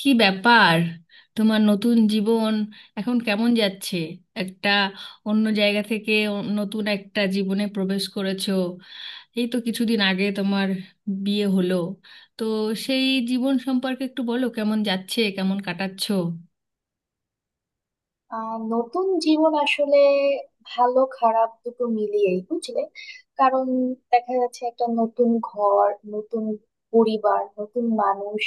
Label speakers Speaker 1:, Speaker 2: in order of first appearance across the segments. Speaker 1: কি ব্যাপার? তোমার নতুন জীবন এখন কেমন যাচ্ছে? একটা অন্য জায়গা থেকে নতুন একটা জীবনে প্রবেশ করেছো। এই তো কিছুদিন আগে তোমার বিয়ে হলো। তো সেই জীবন সম্পর্কে একটু বলো, কেমন যাচ্ছে, কেমন কাটাচ্ছো?
Speaker 2: নতুন জীবন আসলে ভালো খারাপ দুটো মিলিয়েই বুঝলে। কারণ দেখা যাচ্ছে একটা নতুন ঘর, নতুন পরিবার, নতুন মানুষ,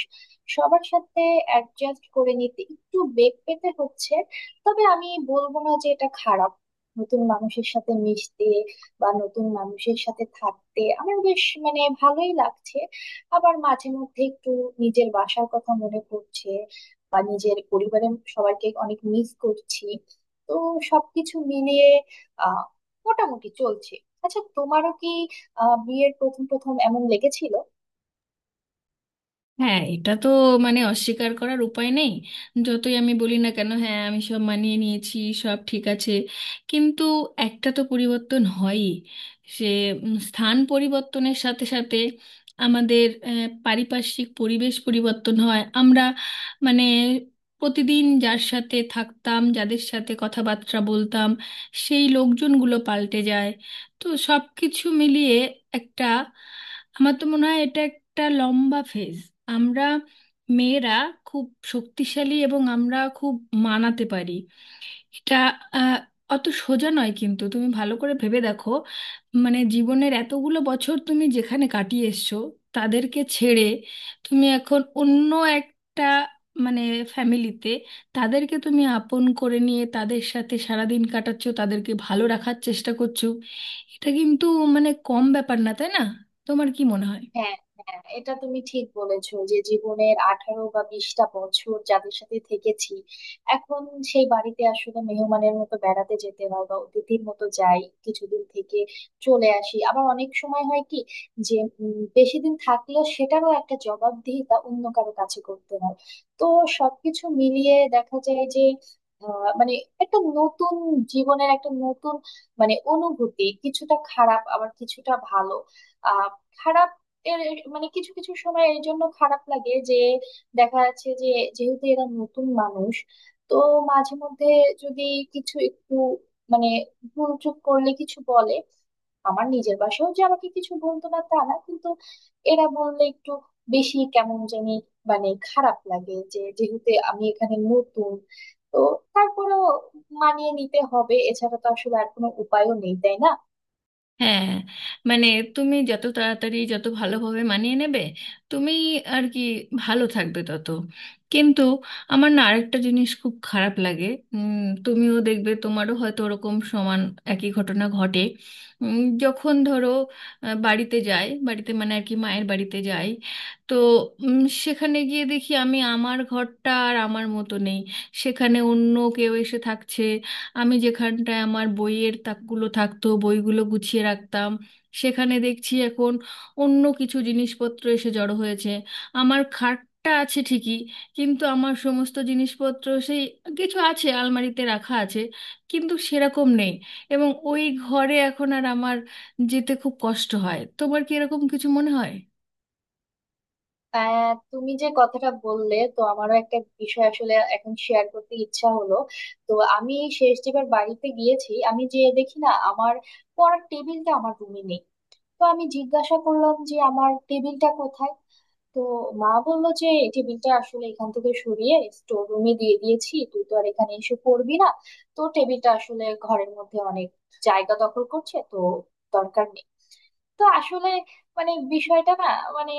Speaker 2: সবার সাথে অ্যাডজাস্ট করে নিতে একটু বেগ পেতে হচ্ছে। তবে আমি বলবো না যে এটা খারাপ। নতুন মানুষের সাথে মিশতে বা নতুন মানুষের সাথে থাকতে আমার বেশ, মানে ভালোই লাগছে। আবার মাঝে মধ্যে একটু নিজের বাসার কথা মনে পড়ছে বা নিজের পরিবারের সবাইকে অনেক মিস করছি। তো সবকিছু মিলিয়ে আহ মোটামুটি চলছে। আচ্ছা তোমারও কি বিয়ের প্রথম প্রথম এমন লেগেছিল?
Speaker 1: হ্যাঁ, এটা তো মানে অস্বীকার করার উপায় নেই। যতই আমি বলি না কেন হ্যাঁ আমি সব মানিয়ে নিয়েছি, সব ঠিক আছে, কিন্তু একটা তো পরিবর্তন হয়ই। সে স্থান পরিবর্তনের সাথে সাথে আমাদের পারিপার্শ্বিক পরিবেশ পরিবর্তন হয়, আমরা মানে প্রতিদিন যার সাথে থাকতাম যাদের সাথে কথাবার্তা বলতাম সেই লোকজনগুলো পাল্টে যায়। তো সব কিছু মিলিয়ে একটা, আমার তো মনে হয় এটা একটা লম্বা ফেজ। আমরা মেয়েরা খুব শক্তিশালী এবং আমরা খুব মানাতে পারি। এটা আহ, অত সোজা নয়, কিন্তু তুমি ভালো করে ভেবে দেখো মানে জীবনের এতগুলো বছর তুমি যেখানে কাটিয়ে এসছো তাদেরকে ছেড়ে তুমি এখন অন্য একটা মানে ফ্যামিলিতে তাদেরকে তুমি আপন করে নিয়ে তাদের সাথে সারাদিন কাটাচ্ছো, তাদেরকে ভালো রাখার চেষ্টা করছো। এটা কিন্তু মানে কম ব্যাপার না, তাই না? তোমার কি মনে হয়?
Speaker 2: হ্যাঁ, হ্যাঁ, এটা তুমি ঠিক বলেছো যে জীবনের 18 বা 20টা বছর যাদের সাথে থেকেছি, এখন সেই বাড়িতে আসলে মেহমানের মতো বেড়াতে যেতে হয়, বা অতিথির মতো যাই, কিছুদিন থেকে চলে আসি। আবার অনেক সময় হয় কি যে বেশি দিন থাকলেও সেটারও একটা জবাবদিহিতা অন্য কারো কাছে করতে হয়। তো সবকিছু মিলিয়ে দেখা যায় যে আহ, মানে একটা নতুন জীবনের একটা নতুন, মানে অনুভূতি কিছুটা খারাপ আবার কিছুটা ভালো। আহ খারাপ এর মানে কিছু কিছু সময় এর জন্য খারাপ লাগে যে দেখা যাচ্ছে যে যেহেতু এরা নতুন মানুষ, তো মাঝে মধ্যে যদি কিছু একটু মানে ভুল চুক করলে কিছু বলে। আমার নিজের বাসাও যে আমাকে কিছু বলতো না তা না, কিন্তু এরা বললে একটু বেশি কেমন জানি, মানে খারাপ লাগে যে যেহেতু আমি এখানে নতুন। তো তারপরেও মানিয়ে নিতে হবে, এছাড়া তো আসলে আর কোনো উপায়ও নেই তাই না।
Speaker 1: হ্যাঁ, মানে তুমি যত তাড়াতাড়ি যত ভালোভাবে মানিয়ে নেবে তুমি আর কি ভালো থাকবে তত। কিন্তু আমার না আরেকটা জিনিস খুব খারাপ লাগে। উম, তুমিও দেখবে তোমারও হয়তো ওরকম সমান একই ঘটনা ঘটে। যখন ধরো বাড়িতে যাই, বাড়িতে মানে আর কি মায়ের বাড়িতে যাই, তো উম, সেখানে গিয়ে দেখি আমি আমার ঘরটা আর আমার মতো নেই, সেখানে অন্য কেউ এসে থাকছে। আমি যেখানটায় আমার বইয়ের তাকগুলো থাকতো, বইগুলো গুছিয়ে রাখতাম, সেখানে দেখছি এখন অন্য কিছু জিনিসপত্র এসে জড়ো হয়েছে। আমার খাটটা আছে ঠিকই কিন্তু আমার সমস্ত জিনিসপত্র সেই, কিছু আছে আলমারিতে রাখা আছে কিন্তু সেরকম নেই। এবং ওই ঘরে এখন আর আমার যেতে খুব কষ্ট হয়। তোমার কি এরকম কিছু মনে হয়?
Speaker 2: তুমি যে কথাটা বললে তো আমারও একটা বিষয় আসলে এখন শেয়ার করতে ইচ্ছা হলো। তো আমি শেষ যেবার বাড়িতে গিয়েছি, আমি যে দেখি না আমার পড়ার টেবিলটা আমার রুমে নেই। তো আমি জিজ্ঞাসা করলাম যে আমার টেবিলটা কোথায়। তো মা বললো যে এই টেবিলটা আসলে এখান থেকে সরিয়ে স্টোর রুমে দিয়ে দিয়েছি, তুই তো আর এখানে এসে পড়বি না। তো টেবিলটা আসলে ঘরের মধ্যে অনেক জায়গা দখল করছে, তো দরকার নেই। তো আসলে, মানে বিষয়টা না, মানে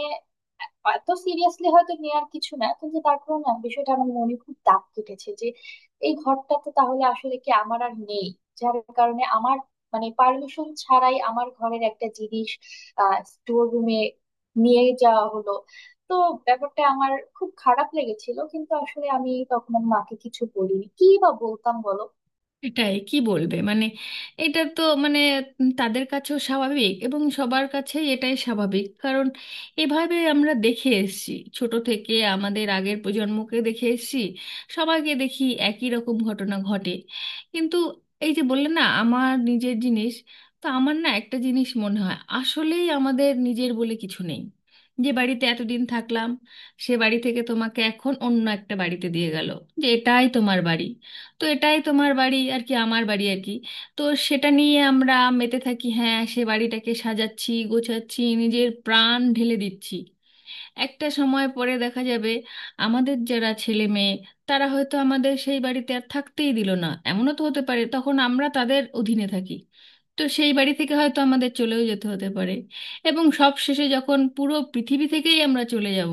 Speaker 2: এত সিরিয়াসলি হয়তো নেওয়ার কিছু না, কিন্তু তারপরে না বিষয়টা আমার মনে খুব দাগ কেটেছে যে এই ঘরটা তো তাহলে আসলে কি আমার আর নেই, যার কারণে আমার মানে পারমিশন ছাড়াই আমার ঘরের একটা জিনিস স্টোর রুমে নিয়ে যাওয়া হলো। তো ব্যাপারটা আমার খুব খারাপ লেগেছিল, কিন্তু আসলে আমি তখন আমার মাকে কিছু বলিনি, কি বা বলতাম বলো।
Speaker 1: এটাই কি বলবে মানে, এটা তো মানে তাদের কাছেও স্বাভাবিক এবং সবার কাছেই এটাই স্বাভাবিক, কারণ এভাবে আমরা দেখে এসেছি, ছোট থেকে আমাদের আগের প্রজন্মকে দেখে এসেছি, সবাইকে দেখি একই রকম ঘটনা ঘটে। কিন্তু এই যে বললে না আমার নিজের জিনিস, তো আমার না একটা জিনিস মনে হয় আসলেই আমাদের নিজের বলে কিছু নেই। যে বাড়িতে এতদিন থাকলাম সে বাড়ি থেকে তোমাকে এখন অন্য একটা বাড়িতে দিয়ে গেল যে এটাই তোমার বাড়ি। তো এটাই তোমার বাড়ি আর কি, আমার বাড়ি আর কি। তো সেটা নিয়ে আমরা মেতে থাকি, হ্যাঁ, সে বাড়িটাকে সাজাচ্ছি গোছাচ্ছি নিজের প্রাণ ঢেলে দিচ্ছি। একটা সময় পরে দেখা যাবে আমাদের যারা ছেলে মেয়ে তারা হয়তো আমাদের সেই বাড়িতে আর থাকতেই দিল না, এমনও তো হতে পারে, তখন আমরা তাদের অধীনে থাকি। তো সেই বাড়ি থেকে হয়তো আমাদের চলেও যেতে হতে পারে। এবং সব শেষে যখন পুরো পৃথিবী থেকেই আমরা চলে যাব,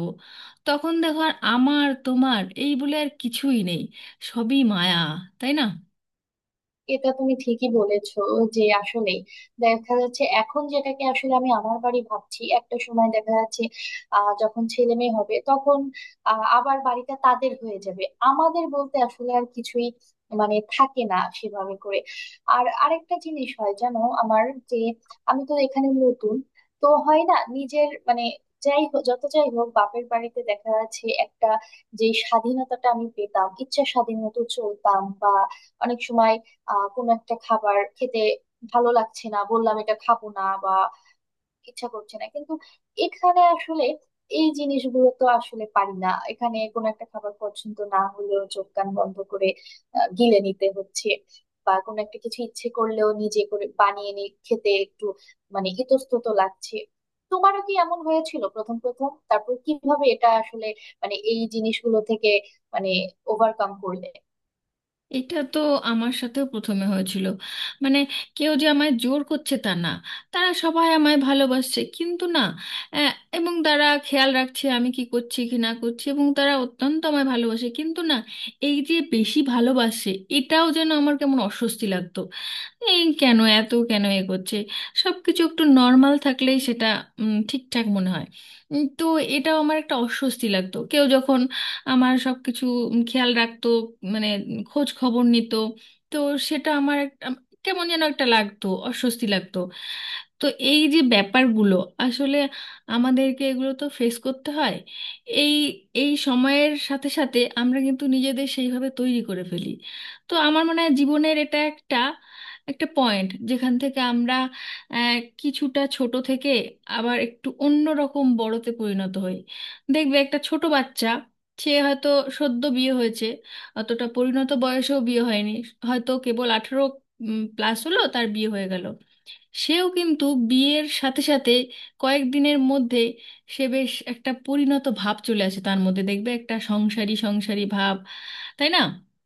Speaker 1: তখন দেখো আর আমার তোমার এই বলে আর কিছুই নেই। সবই মায়া, তাই না?
Speaker 2: এটা তুমি ঠিকই বলেছো যে আসলে দেখা যাচ্ছে এখন যেটাকে আসলে আমি আমার বাড়ি ভাবছি, একটা সময় দেখা যাচ্ছে যখন ছেলে মেয়ে হবে তখন আবার বাড়িটা তাদের হয়ে যাবে। আমাদের বলতে আসলে আর কিছুই, মানে থাকে না সেভাবে করে। আর আরেকটা জিনিস হয় জানো আমার, যে আমি তো এখানে নতুন, তো হয় না নিজের মানে, যাই হোক যত যাই হোক, বাপের বাড়িতে দেখা যাচ্ছে একটা, যে স্বাধীনতাটা আমি পেতাম, ইচ্ছা স্বাধীন মতো চলতাম, বা অনেক সময় কোনো একটা খাবার খেতে ভালো লাগছে না বললাম এটা খাবো না, বা ইচ্ছা করছে না, কিন্তু এখানে আসলে এই জিনিসগুলো তো আসলে পারি না। এখানে কোনো একটা খাবার পছন্দ না হলেও চোখ কান বন্ধ করে গিলে নিতে হচ্ছে। বা কোনো একটা কিছু ইচ্ছে করলেও নিজে করে বানিয়ে নিয়ে খেতে একটু, মানে ইতস্তত লাগছে। তোমারও কি এমন হয়েছিল প্রথম প্রথম? তারপর কিভাবে এটা আসলে, মানে এই জিনিসগুলো থেকে, মানে ওভারকাম করলে?
Speaker 1: এটা তো আমার সাথেও প্রথমে হয়েছিল। মানে কেউ যে আমায় জোর করছে তা না, তারা সবাই আমায় ভালোবাসছে কিন্তু না, আহ, এবং তারা খেয়াল রাখছে আমি কি করছি কি না করছি এবং তারা অত্যন্ত আমায় ভালোবাসে, কিন্তু না, এই যে বেশি ভালোবাসে এটাও যেন আমার কেমন অস্বস্তি লাগতো। এই কেন এত, কেন এ করছে? সবকিছু একটু নর্মাল থাকলেই সেটা ঠিকঠাক মনে হয়। তো এটাও আমার একটা অস্বস্তি লাগতো কেউ যখন আমার সবকিছু খেয়াল রাখতো, মানে খোঁজ খবর নিত, তো সেটা আমার কেমন যেন একটা লাগতো, অস্বস্তি লাগতো। তো এই যে ব্যাপারগুলো, আসলে আমাদেরকে এগুলো তো ফেস করতে হয়। এই এই সময়ের সাথে সাথে আমরা কিন্তু নিজেদের সেইভাবে তৈরি করে ফেলি। তো আমার মনে হয় জীবনের এটা একটা একটা পয়েন্ট যেখান থেকে আমরা আহ, কিছুটা ছোট থেকে আবার একটু অন্য রকম বড়তে পরিণত হই। দেখবে একটা ছোট বাচ্চা, সে হয়তো সদ্য বিয়ে হয়েছে, অতটা পরিণত বয়সেও বিয়ে হয়নি, হয়তো কেবল আঠেরো প্লাস হলো তার বিয়ে হয়ে গেল, সেও কিন্তু বিয়ের সাথে সাথে কয়েকদিনের মধ্যে সে বেশ একটা পরিণত ভাব চলে আসে তার মধ্যে, দেখবে একটা সংসারী সংসারী ভাব। তাই না?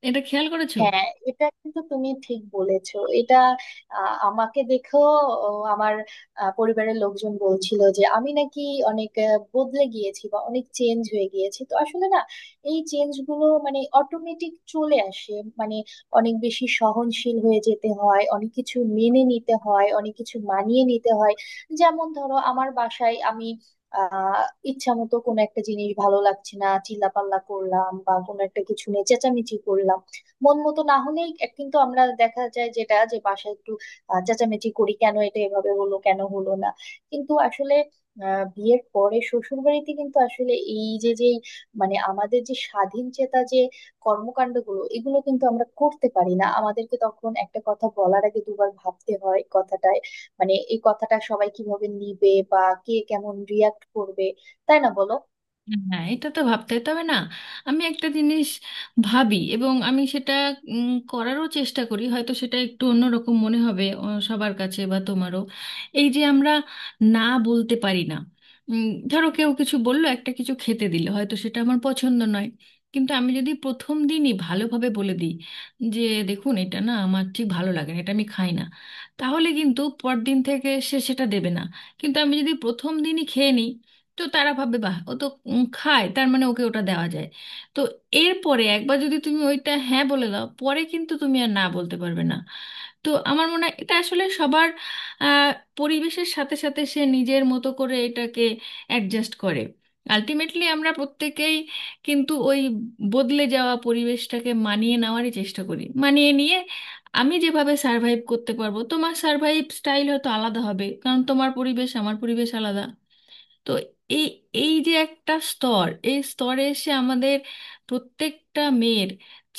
Speaker 1: এটা খেয়াল করেছো?
Speaker 2: হ্যাঁ, এটা কিন্তু তুমি ঠিক বলেছো। এটা আমাকে দেখেও, ও, আমার পরিবারের লোকজন বলছিল যে আমি নাকি অনেক বদলে গিয়েছি বা অনেক চেঞ্জ হয়ে গিয়েছি। তো আসলে না, এই চেঞ্জ গুলো মানে অটোমেটিক চলে আসে। মানে অনেক বেশি সহনশীল হয়ে যেতে হয়, অনেক কিছু মেনে নিতে হয়, অনেক কিছু মানিয়ে নিতে হয়। যেমন ধরো, আমার বাসায় আমি আহ ইচ্ছা মতো কোনো একটা জিনিস ভালো লাগছে না চিল্লাপাল্লা করলাম, বা কোনো একটা কিছু নিয়ে চেঁচামেচি করলাম, মন মতো না হলেই এক- কিন্তু আমরা দেখা যায় যেটা যে বাসায় একটু চেঁচামেচি করি, কেন এটা এভাবে হলো, কেন হলো না। কিন্তু আসলে বিয়ের পরে শ্বশুর বাড়িতে কিন্তু আসলে এই যে যে মানে আমাদের যে স্বাধীন চেতা যে কর্মকাণ্ডগুলো, এগুলো কিন্তু আমরা করতে পারি না। আমাদেরকে তখন একটা কথা বলার আগে দুবার ভাবতে হয় কথাটায়, মানে এই কথাটা সবাই কিভাবে নিবে বা কে কেমন রিয়াক্ট করবে, তাই না বলো।
Speaker 1: হ্যাঁ, এটা তো ভাবতে হয়। তবে না আমি একটা জিনিস ভাবি এবং আমি সেটা করারও চেষ্টা করি, হয়তো সেটা একটু অন্যরকম মনে হবে সবার কাছে বা তোমারও। এই যে আমরা না বলতে পারি না, উম, ধরো কেউ কিছু বললো, একটা কিছু খেতে দিল, হয়তো সেটা আমার পছন্দ নয়, কিন্তু আমি যদি প্রথম দিনই ভালোভাবে বলে দিই যে দেখুন, এটা না আমার ঠিক ভালো লাগে না, এটা আমি খাই না, তাহলে কিন্তু পরদিন থেকে সে সেটা দেবে না। কিন্তু আমি যদি প্রথম দিনই খেয়ে নিই, তো তারা ভাববে বাহ, ও তো খায়, তার মানে ওকে ওটা দেওয়া যায়। তো এরপরে একবার যদি তুমি ওইটা হ্যাঁ বলে দাও পরে কিন্তু তুমি আর না বলতে পারবে না। তো আমার মনে হয় এটা আসলে সবার আহ, পরিবেশের সাথে সাথে সে নিজের মতো করে এটাকে অ্যাডজাস্ট করে। আলটিমেটলি আমরা প্রত্যেকেই কিন্তু ওই বদলে যাওয়া পরিবেশটাকে মানিয়ে নেওয়ারই চেষ্টা করি, মানিয়ে নিয়ে আমি যেভাবে সার্ভাইভ করতে পারবো তোমার সার্ভাইভ স্টাইল হয়তো আলাদা হবে, কারণ তোমার পরিবেশ আমার পরিবেশ আলাদা। তো এই এই যে একটা স্তর, এই স্তরে এসে আমাদের প্রত্যেকটা মেয়ের,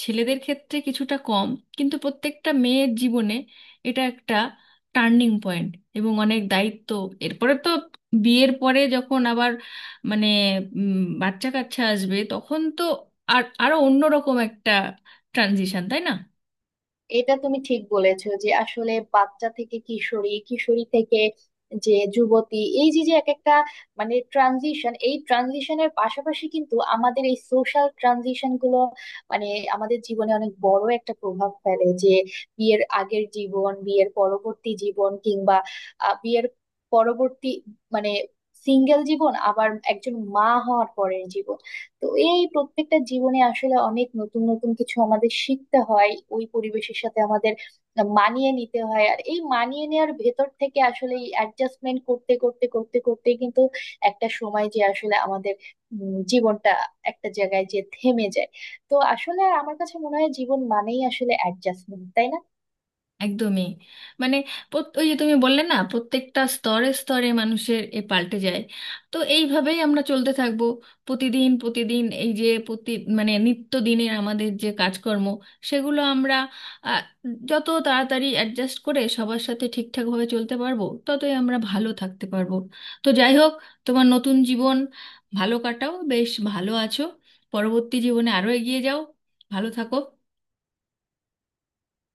Speaker 1: ছেলেদের ক্ষেত্রে কিছুটা কম, কিন্তু প্রত্যেকটা মেয়ের জীবনে এটা একটা টার্নিং পয়েন্ট এবং অনেক দায়িত্ব। এরপরে তো বিয়ের পরে যখন আবার মানে বাচ্চা কাচ্চা আসবে তখন তো আর আরো অন্যরকম একটা ট্রানজিশন, তাই না?
Speaker 2: এটা তুমি ঠিক বলেছো যে আসলে বাচ্চা থেকে কিশোরী, কিশোরী থেকে যে যুবতী, এই যে যে এক একটা মানে ট্রানজিশন, এই ট্রানজিশনের পাশাপাশি কিন্তু আমাদের এই সোশ্যাল ট্রানজিশন গুলো, মানে আমাদের জীবনে অনেক বড় একটা প্রভাব ফেলে। যে বিয়ের আগের জীবন, বিয়ের পরবর্তী জীবন, কিংবা বিয়ের পরবর্তী মানে সিঙ্গেল জীবন, আবার একজন মা হওয়ার পরের জীবন। তো এই প্রত্যেকটা জীবনে আসলে অনেক নতুন নতুন কিছু আমাদের শিখতে হয়, ওই পরিবেশের সাথে আমাদের মানিয়ে নিতে হয়। আর এই মানিয়ে নেওয়ার ভেতর থেকে আসলে এই অ্যাডজাস্টমেন্ট করতে করতে করতে করতে কিন্তু একটা সময় যে আসলে আমাদের জীবনটা একটা জায়গায় যে থেমে যায়। তো আসলে আমার কাছে মনে হয় জীবন মানেই আসলে অ্যাডজাস্টমেন্ট, তাই না।
Speaker 1: একদমই। মানে ওই যে তুমি বললে না প্রত্যেকটা স্তরে স্তরে মানুষের এ পাল্টে যায়। তো এইভাবেই আমরা চলতে থাকবো। প্রতিদিন প্রতিদিন এই যে প্রতি মানে নিত্য দিনের আমাদের যে কাজকর্ম, সেগুলো আমরা আহ, যত তাড়াতাড়ি অ্যাডজাস্ট করে সবার সাথে ঠিকঠাকভাবে চলতে পারবো ততই আমরা ভালো থাকতে পারবো। তো যাই হোক, তোমার নতুন জীবন ভালো কাটাও, বেশ ভালো আছো, পরবর্তী জীবনে আরো এগিয়ে যাও, ভালো থাকো।